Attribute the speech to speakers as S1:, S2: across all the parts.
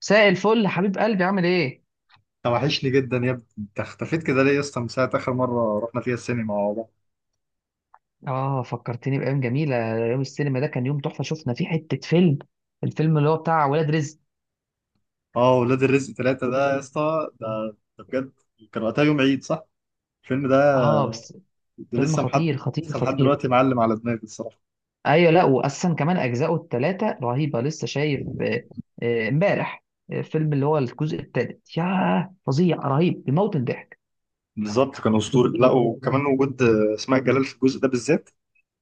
S1: مساء الفل حبيب قلبي عامل ايه؟
S2: توحشني جدا يا ابني، انت اختفيت كده ليه يا اسطى؟ من ساعه اخر مره رحنا فيها السينما مع بعض.
S1: اه، فكرتني بأيام جميلة. يوم السينما ده كان يوم تحفة شفنا فيه حتة فيلم. الفيلم اللي هو بتاع ولاد رزق.
S2: اه، ولاد الرزق ثلاثة ده يا اسطى، ده بجد. كان وقتها يوم عيد، صح؟ الفيلم ده.
S1: اه، بس.
S2: ده
S1: فيلم
S2: لسه محد.
S1: خطير خطير
S2: لسه لحد
S1: خطير.
S2: دلوقتي معلم على دماغي الصراحه.
S1: ايوه، لا وأصلا كمان أجزاؤه التلاتة رهيبة. لسه شايف امبارح. فيلم اللي هو الجزء التالت. ياه، فظيع رهيب بيموت من الضحك.
S2: بالظبط كان اسطوري. لا وكمان وجود اسماء جلال في الجزء ده بالذات.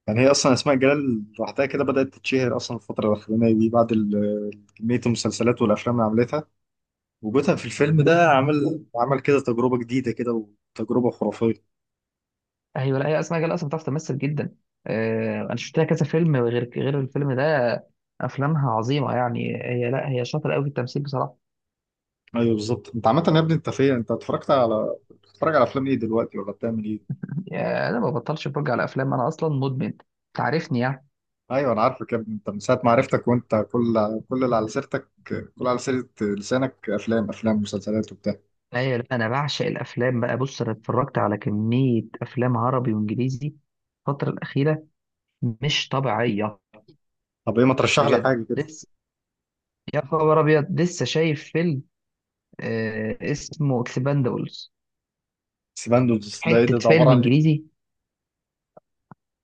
S2: يعني هي اصلا اسماء جلال لوحدها كده بدات تتشهر اصلا الفتره الاخرانيه دي بعد كميه المسلسلات والافلام اللي عملتها. وجودها في الفيلم ده عمل كده تجربه جديده كده. وتجربه خرافيه.
S1: ايوه، لا هي أسماء جلال أصلا بتعرف تمثل جدا. أنا شفت لها كذا فيلم غير الفيلم ده. أفلامها عظيمة. يعني هي، لا هي شاطرة قوي في التمثيل بصراحة.
S2: ايوه بالظبط، انت عامه يا ابني؟ انت فين؟ انت اتفرجت على بتتفرج على افلام ايه دلوقتي ولا بتعمل ايه؟
S1: يا، انا ما ببطلش اتفرج على افلام. انا اصلا مدمن، تعرفني يعني.
S2: ايوه، انا عارفك يا ابني، انت من ساعه ما عرفتك وانت كل اللي على سيرتك، كل على سيره لسانك افلام مسلسلات وبتاع.
S1: ايوه، لا انا بعشق الافلام بقى. بص، انا اتفرجت على كميه افلام عربي وانجليزي الفتره الاخيره. مش طبيعيه.
S2: طب ايه، ما ترشح لي
S1: بجد،
S2: حاجه كده.
S1: لسه يا خبر ابيض لسه شايف فيلم اسمه اكسباندبلز.
S2: سيباندوز ده ايه
S1: حته
S2: ده؟ ده
S1: فيلم
S2: عباره عن ايه؟
S1: انجليزي،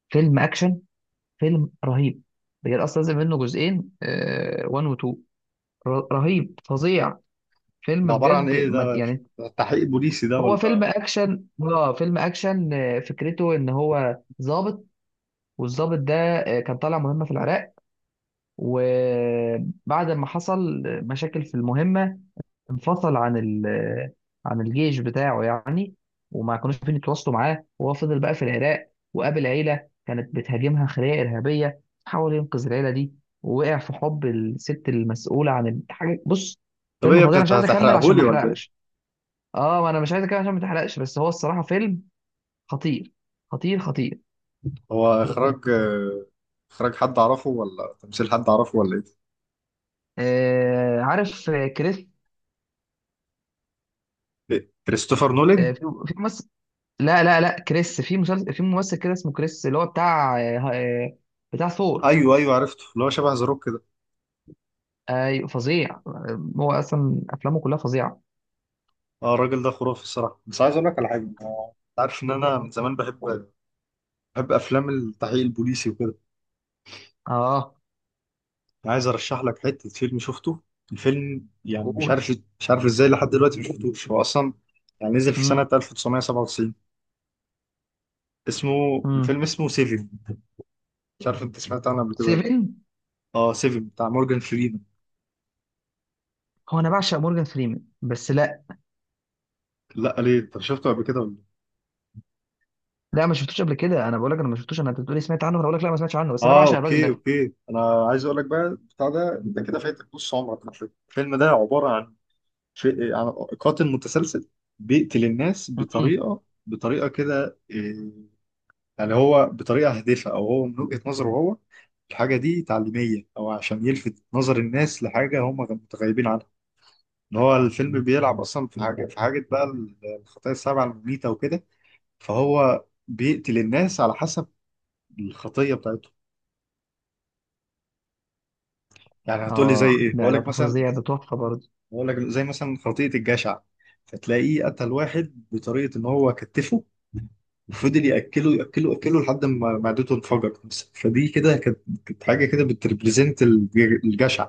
S1: فيلم اكشن، فيلم رهيب. بجد، اصلا نزل منه جزئين 1 و 2. رهيب فظيع. فيلم،
S2: ده عباره عن
S1: بجد
S2: ايه
S1: ما
S2: ده
S1: يعني.
S2: ده تحقيق بوليسي ده
S1: هو فيلم
S2: ولا؟
S1: اكشن، فكرته ان هو ضابط. والضابط ده كان طالع مهمه في العراق. وبعد ما حصل مشاكل في المهمه، انفصل عن ال آه، عن الجيش بتاعه يعني. وما كانوش عارفين يتواصلوا معاه. وهو فضل بقى في العراق وقابل عيله كانت بتهاجمها خلية ارهابيه، حاول ينقذ العيله دي، ووقع في حب الست المسؤوله عن الحاجه. بص،
S2: طب ايه
S1: فيلم
S2: يا
S1: فظيع.
S2: ابني،
S1: انا مش
S2: انت
S1: عايز اكمل
S2: هتحرقه
S1: عشان ما
S2: لي ولا ايه؟
S1: احرقش. اه، ما انا مش عايز اكمل عشان ما تحرقش. بس هو الصراحه فيلم خطير خطير خطير.
S2: هو اخراج حد اعرفه ولا تمثيل حد اعرفه ولا ايه؟
S1: عارف. كريس.
S2: إيه؟ كريستوفر نولان.
S1: آه في في ممثل. لا لا لا، كريس في مسلسل. في ممثل كده اسمه كريس اللي هو بتاع بتاع ثور.
S2: ايوه، ايوه، عرفته، اللي هو شبه ذا.
S1: فظيع، هو اصلا افلامه كلها فظيعه.
S2: اه الراجل ده خرافي الصراحه، بس عايز اقول لك على حاجه. أنا عارف ان انا من زمان بحب افلام التحقيق البوليسي وكده.
S1: اه،
S2: أنا عايز ارشح لك حته فيلم شفته. الفيلم يعني مش
S1: قول.
S2: عارف مش عارف ازاي لحد دلوقتي ما شفتوش. هو اصلا يعني نزل في
S1: امم.
S2: سنه 1997. اسمه
S1: امم.
S2: الفيلم اسمه سيفن. مش عارف انت سمعت عنه قبل كده ولا لأ.
S1: سيفن.
S2: اه، سيفن بتاع مورجان فريمان.
S1: هو انا بعشق مورجان فريمان بس لا.
S2: لا، ليه؟ انت شفته قبل كده ولا لأ؟
S1: لا، ما شفتوش قبل كده. انا بقول لك انا ما شفتوش. انت بتقولي سمعت عنه، انا بقول لك لا، ما سمعتش عنه. بس انا
S2: اه،
S1: بعشق الراجل
S2: اوكي،
S1: ده.
S2: اوكي، انا عايز اقول لك بقى. بتاع ده انت كده فايتك نص عمرك على فكرة. الفيلم ده عباره عن شيء، يعني قاتل متسلسل بيقتل الناس
S1: امم.
S2: بطريقة كده إيه، يعني هو بطريقة هادفة، أو هو من وجهة نظره هو الحاجة دي تعليمية أو عشان يلفت نظر الناس لحاجة هم متغيبين عنها. إن هو الفيلم بيلعب أصلا في حاجة بقى الخطايا السبعة المميتة وكده. فهو بيقتل الناس على حسب الخطية بتاعتهم. يعني هتقولي زي
S1: اه،
S2: إيه؟
S1: لا ده فظيع. ده تحفه برضه.
S2: هقول لك زي مثلا خطية الجشع. فتلاقيه قتل واحد بطريقة إن هو كتفه وفضل ياكله ياكله ياكله لحد ما معدته انفجرت مثلا. فدي كده كانت حاجه كده بتريبريزنت الجشع.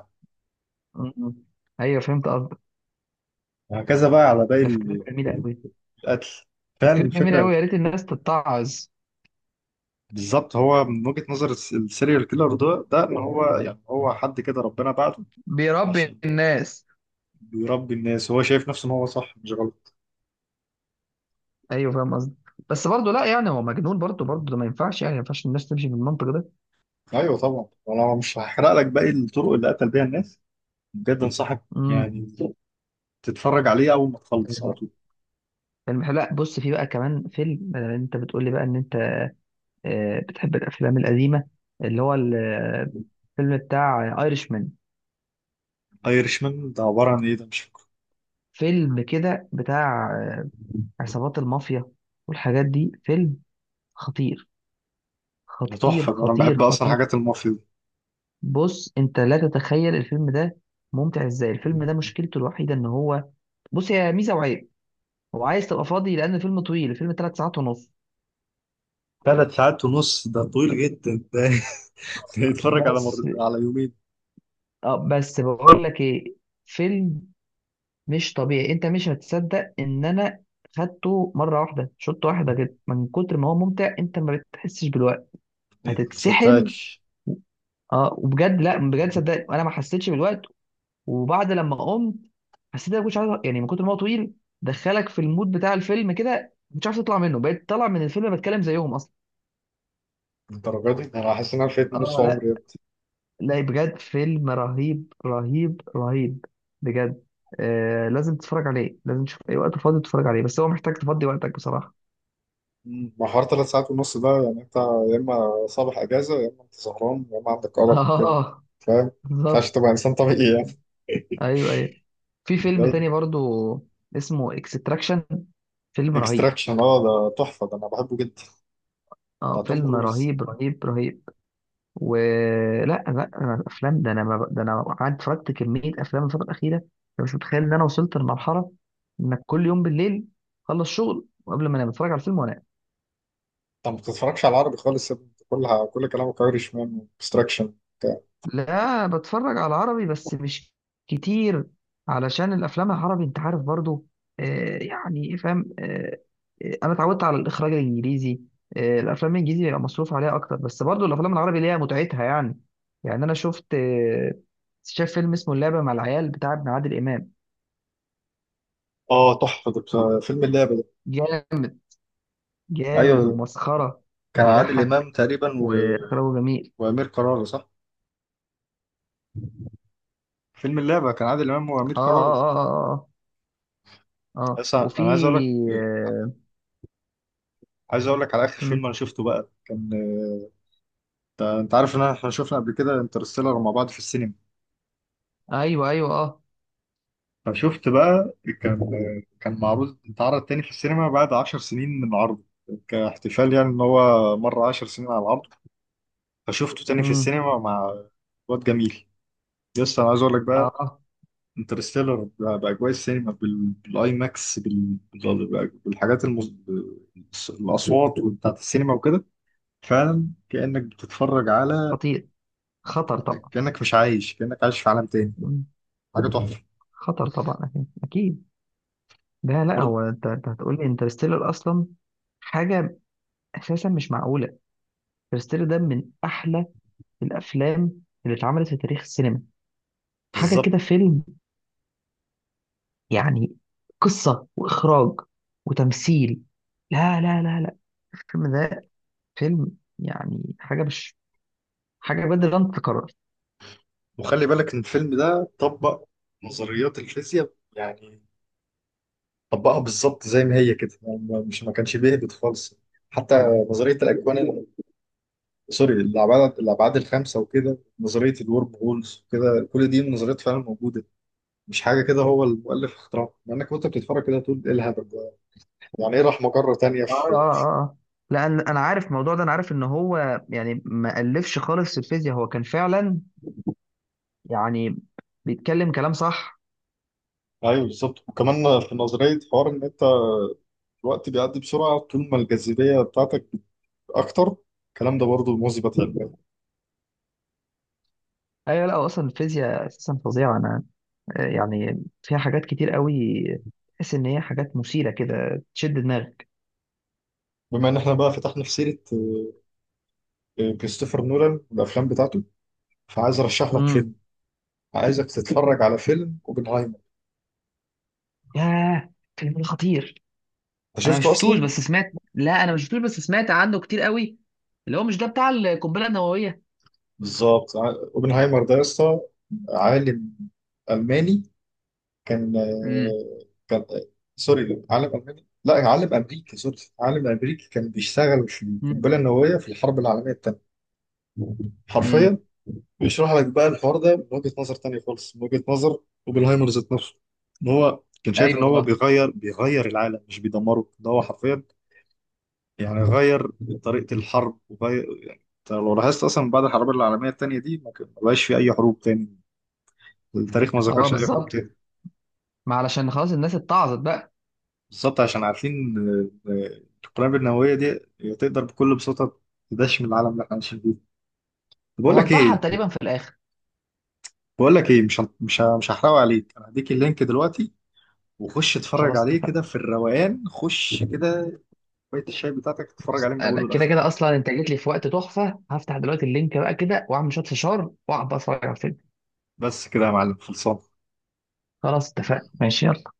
S1: امم. ايوه، فهمت قصدك.
S2: وهكذا بقى على باقي
S1: ده فكرته جميله قوي.
S2: القتل. فعلا
S1: فكرة جميلة
S2: الفكره.
S1: أوي، يا ريت الناس تتعظ.
S2: بالظبط، هو من وجهه نظر السيريال كيلر ده ان هو يعني هو حد كده ربنا بعته
S1: بيربي
S2: عشان
S1: الناس.
S2: بيربي الناس. هو شايف نفسه ان هو صح مش غلط.
S1: أيوه، فاهم قصدي. بس برضه، لا يعني هو مجنون برضه برضه. ده ما ينفعش يعني. ما ينفعش الناس تمشي بالمنطق ده.
S2: ايوه طبعا، انا مش هحرق لك باقي الطرق اللي قتل بيها الناس. بجد انصحك
S1: امم.
S2: يعني تتفرج عليه اول ما تخلص على
S1: فيلم
S2: طول.
S1: حلو. لا بص، في بقى كمان فيلم. بدل أنت بتقول لي بقى إن أنت بتحب الأفلام القديمة، اللي هو الفيلم بتاع ايرش مان.
S2: ايرشمان ده عباره عن ايه ده؟ مش،
S1: فيلم كده بتاع عصابات المافيا والحاجات دي. فيلم خطير
S2: ده
S1: خطير
S2: تحفة ده، أنا
S1: خطير
S2: بحب أصلا
S1: خطير.
S2: حاجات المافيا دي.
S1: بص، انت لا تتخيل الفيلم ده ممتع ازاي. الفيلم ده مشكلته الوحيده ان هو، بص، هي ميزه وعيب. هو عايز تبقى فاضي لان الفيلم طويل. الفيلم 3 ساعات ونص.
S2: 3 ساعات ونص ده طويل جدا ده ده يتفرج
S1: بس
S2: على يومين.
S1: اه بس بقول لك ايه. فيلم مش طبيعي. انت مش هتصدق ان انا خدته مره واحده، شوطه واحده كده، من كتر ما هو ممتع انت ما بتحسش بالوقت.
S2: إيه، ما
S1: هتتسحل.
S2: صدقكش.
S1: اه، وبجد لا، بجد صدقني انا ما حسيتش بالوقت. وبعد لما قمت حسيت إن انا ما كنتش عارف. يعني من كتر ما هو طويل، دخلك في المود بتاع الفيلم كده، ما كنتش عارف تطلع منه. بقيت طالع من الفيلم بتكلم زيهم اصلا.
S2: الدرجة دي أنا حاسس إن أنا فايت نص
S1: اه،
S2: عمري
S1: لا
S2: يا ابني.
S1: لا بجد، فيلم رهيب رهيب رهيب. بجد، آه، لازم تتفرج عليه. لازم تشوف اي وقت فاضي تتفرج عليه، بس هو محتاج تفضي وقتك بصراحة.
S2: مم. ما حوار 3 ساعات ونص ده يعني، أنت يا إما صباح أجازة، يا إما أنت سهران، يا إما عندك أرق وكده.
S1: اه،
S2: فاهم؟ ما ينفعش
S1: بالظبط.
S2: تبقى إنسان طبيعي يعني.
S1: ايوه، ايوه. في فيلم تاني برضو اسمه اكستراكشن. فيلم رهيب.
S2: إكستراكشن أه، ده تحفة ده أنا بحبه جدا.
S1: اه،
S2: بتاع توم
S1: فيلم
S2: كروز.
S1: رهيب رهيب رهيب. ولا لا، أنا افلام ده انا ما... ده انا قعدت اتفرجت كميه افلام الفتره الاخيره. انا مش متخيل ان انا وصلت لمرحله انك كل يوم بالليل خلص شغل وقبل ما انام بتفرج على الفيلم وانام.
S2: أنت ما بتتفرجش على العربي خالص يا ابني، كل كلامك أيرش مان إكستراكشن.
S1: لا، بتفرج على عربي بس مش كتير. علشان الافلام العربي انت عارف برضو، يعني إيه، فاهم، انا اتعودت على الاخراج الانجليزي. الافلام الانجليزي بيبقى مصروف عليها اكتر. بس برضو الافلام العربي ليها متعتها يعني. يعني انا شفت آه شايف فيلم اسمه اللعبه مع العيال بتاع ابن عادل امام.
S2: اه، تحفة ده بتاع فيلم اللعبة ده.
S1: جامد، جامد
S2: ايوه،
S1: ومسخرة
S2: كان عادل
S1: وبيضحك
S2: إمام تقريبا
S1: وإخراجه جميل.
S2: وأمير كرارة صح؟ فيلم اللعبة كان عادل إمام وأمير
S1: آه
S2: كرارة.
S1: آه آه آه آه, آه. آه.
S2: بس أنا
S1: وفي.
S2: عايز أقول لك
S1: آه.
S2: عايز أقول لك على آخر
S1: مم.
S2: فيلم أنا شفته بقى كان. أنت عارف إن إحنا شفنا قبل كده انترستيلر مع بعض في السينما.
S1: أيوه أيوه آه.
S2: فشفت بقى. كان معروض، اتعرض تاني في السينما بعد 10 سنين من عرضه، كاحتفال يعني إن هو مر 10 سنين على العرض. فشفته تاني في
S1: مم.
S2: السينما مع واد جميل. يس، أنا عايز أقول لك
S1: آه
S2: بقى.
S1: آه.
S2: انترستيلر باجواء السينما، بالاي ماكس، بالحاجات الاصوات بتاعت السينما وكده. فعلا كانك بتتفرج على،
S1: خطير. خطر طبعا.
S2: كانك مش عايش كانك عايش في عالم تاني.
S1: مم.
S2: حاجه تحفه.
S1: خطر طبعا أكيد أكيد. ده، لا
S2: برضه
S1: هو أنت هتقول لي انترستيلر أصلا. حاجة أساسا مش معقولة. انترستيلر ده من أحلى الأفلام اللي اتعملت في تاريخ السينما. حاجة كده،
S2: بالظبط.
S1: فيلم يعني قصة وإخراج وتمثيل. لا لا لا لا، الفيلم ده فيلم يعني حاجة مش، حاجة بجد لا تتكرر.
S2: وخلي بالك ان الفيلم ده طبق نظريات الفيزياء يعني، طبقها بالظبط زي ما هي كده يعني مش ما كانش بيهبط خالص. حتى نظريه الاكوان سوري الابعاد الخمسه وكده، نظريه الورم هولز وكده، كل دي نظريات فعلا موجوده، مش حاجه كده هو المؤلف اخترعها. مع انك وانت بتتفرج كده تقول ايه الهبل ده؟ يعني ايه راح مجره تانية
S1: آه،
S2: في.
S1: آه، آه، لأن أنا عارف الموضوع ده. أنا عارف إن هو يعني ما ألفش خالص الفيزياء. هو كان فعلا يعني بيتكلم كلام صح.
S2: ايوه بالظبط، وكمان في نظريه حوار ان انت الوقت بيعدي بسرعه طول ما الجاذبيه بتاعتك اكتر. الكلام ده برضه مثبت علميا.
S1: أيوة، لا هو أصلا الفيزياء أساسا فظيعة. أنا يعني فيها حاجات كتير قوي. تحس إن هي حاجات مثيرة كده تشد دماغك.
S2: بما ان احنا بقى فتحنا في سيره كريستوفر نولان والافلام بتاعته، فعايز ارشح لك فيلم.
S1: امم.
S2: عايزك تتفرج على فيلم اوبنهايمر.
S1: ياه، الفيلم ده خطير.
S2: انت
S1: انا مش
S2: شفته
S1: شفتوش
S2: اصلا؟
S1: بس سمعت. لا، انا مش شفتوش بس سمعت عنه كتير قوي. اللي هو مش ده بتاع القنبله النوويه.
S2: بالظبط، اوبنهايمر ده يا اسطى عالم الماني. كان
S1: امم.
S2: كان سوري، عالم الماني لا عالم امريكي، سوري عالم امريكي، كان بيشتغل في
S1: امم.
S2: القنبله النوويه في الحرب العالميه الثانيه. حرفيا،
S1: أمم.
S2: بيشرح لك بقى الحوار ده من وجهه نظر ثانيه خالص، من وجهه نظر اوبنهايمر ذات نفسه. ان هو كان شايف ان
S1: ايوه،
S2: هو
S1: اه
S2: بيغير العالم مش بيدمره، ده هو حرفيا يعني غير طريقه الحرب وغير، يعني أنت لو لاحظت اصلا بعد الحرب العالميه الثانيه دي ما بقاش في اي حروب تاني. التاريخ ما
S1: اه،
S2: ذكرش اي حروب
S1: بالظبط.
S2: تاني.
S1: ما علشان خلاص الناس اتعظت بقى.
S2: بالظبط عشان عارفين القنابل النووية دي تقدر بكل بساطة تدشم العالم اللي احنا عايشين فيه. طب بقول
S1: هو
S2: لك
S1: انتحر
S2: ايه،
S1: تقريبا في الاخر.
S2: بقول لك ايه، مش هن- مش ه- مش هحرقه عليك، انا هديك اللينك دلوقتي. وخش اتفرج
S1: خلاص،
S2: عليه
S1: اتفقنا.
S2: كده في الروقان، خش كده كوباية الشاي بتاعتك، اتفرج
S1: بس
S2: عليه من
S1: انا
S2: اوله
S1: كده
S2: لاخره.
S1: كده اصلا، انت جيت لي في وقت تحفه. هفتح دلوقتي اللينك بقى كده، واعمل شويه فشار واقعد بقى اتفرج على الفيلم.
S2: بس كده يا معلم، خلصان.
S1: خلاص، اتفقنا ماشي، يلا.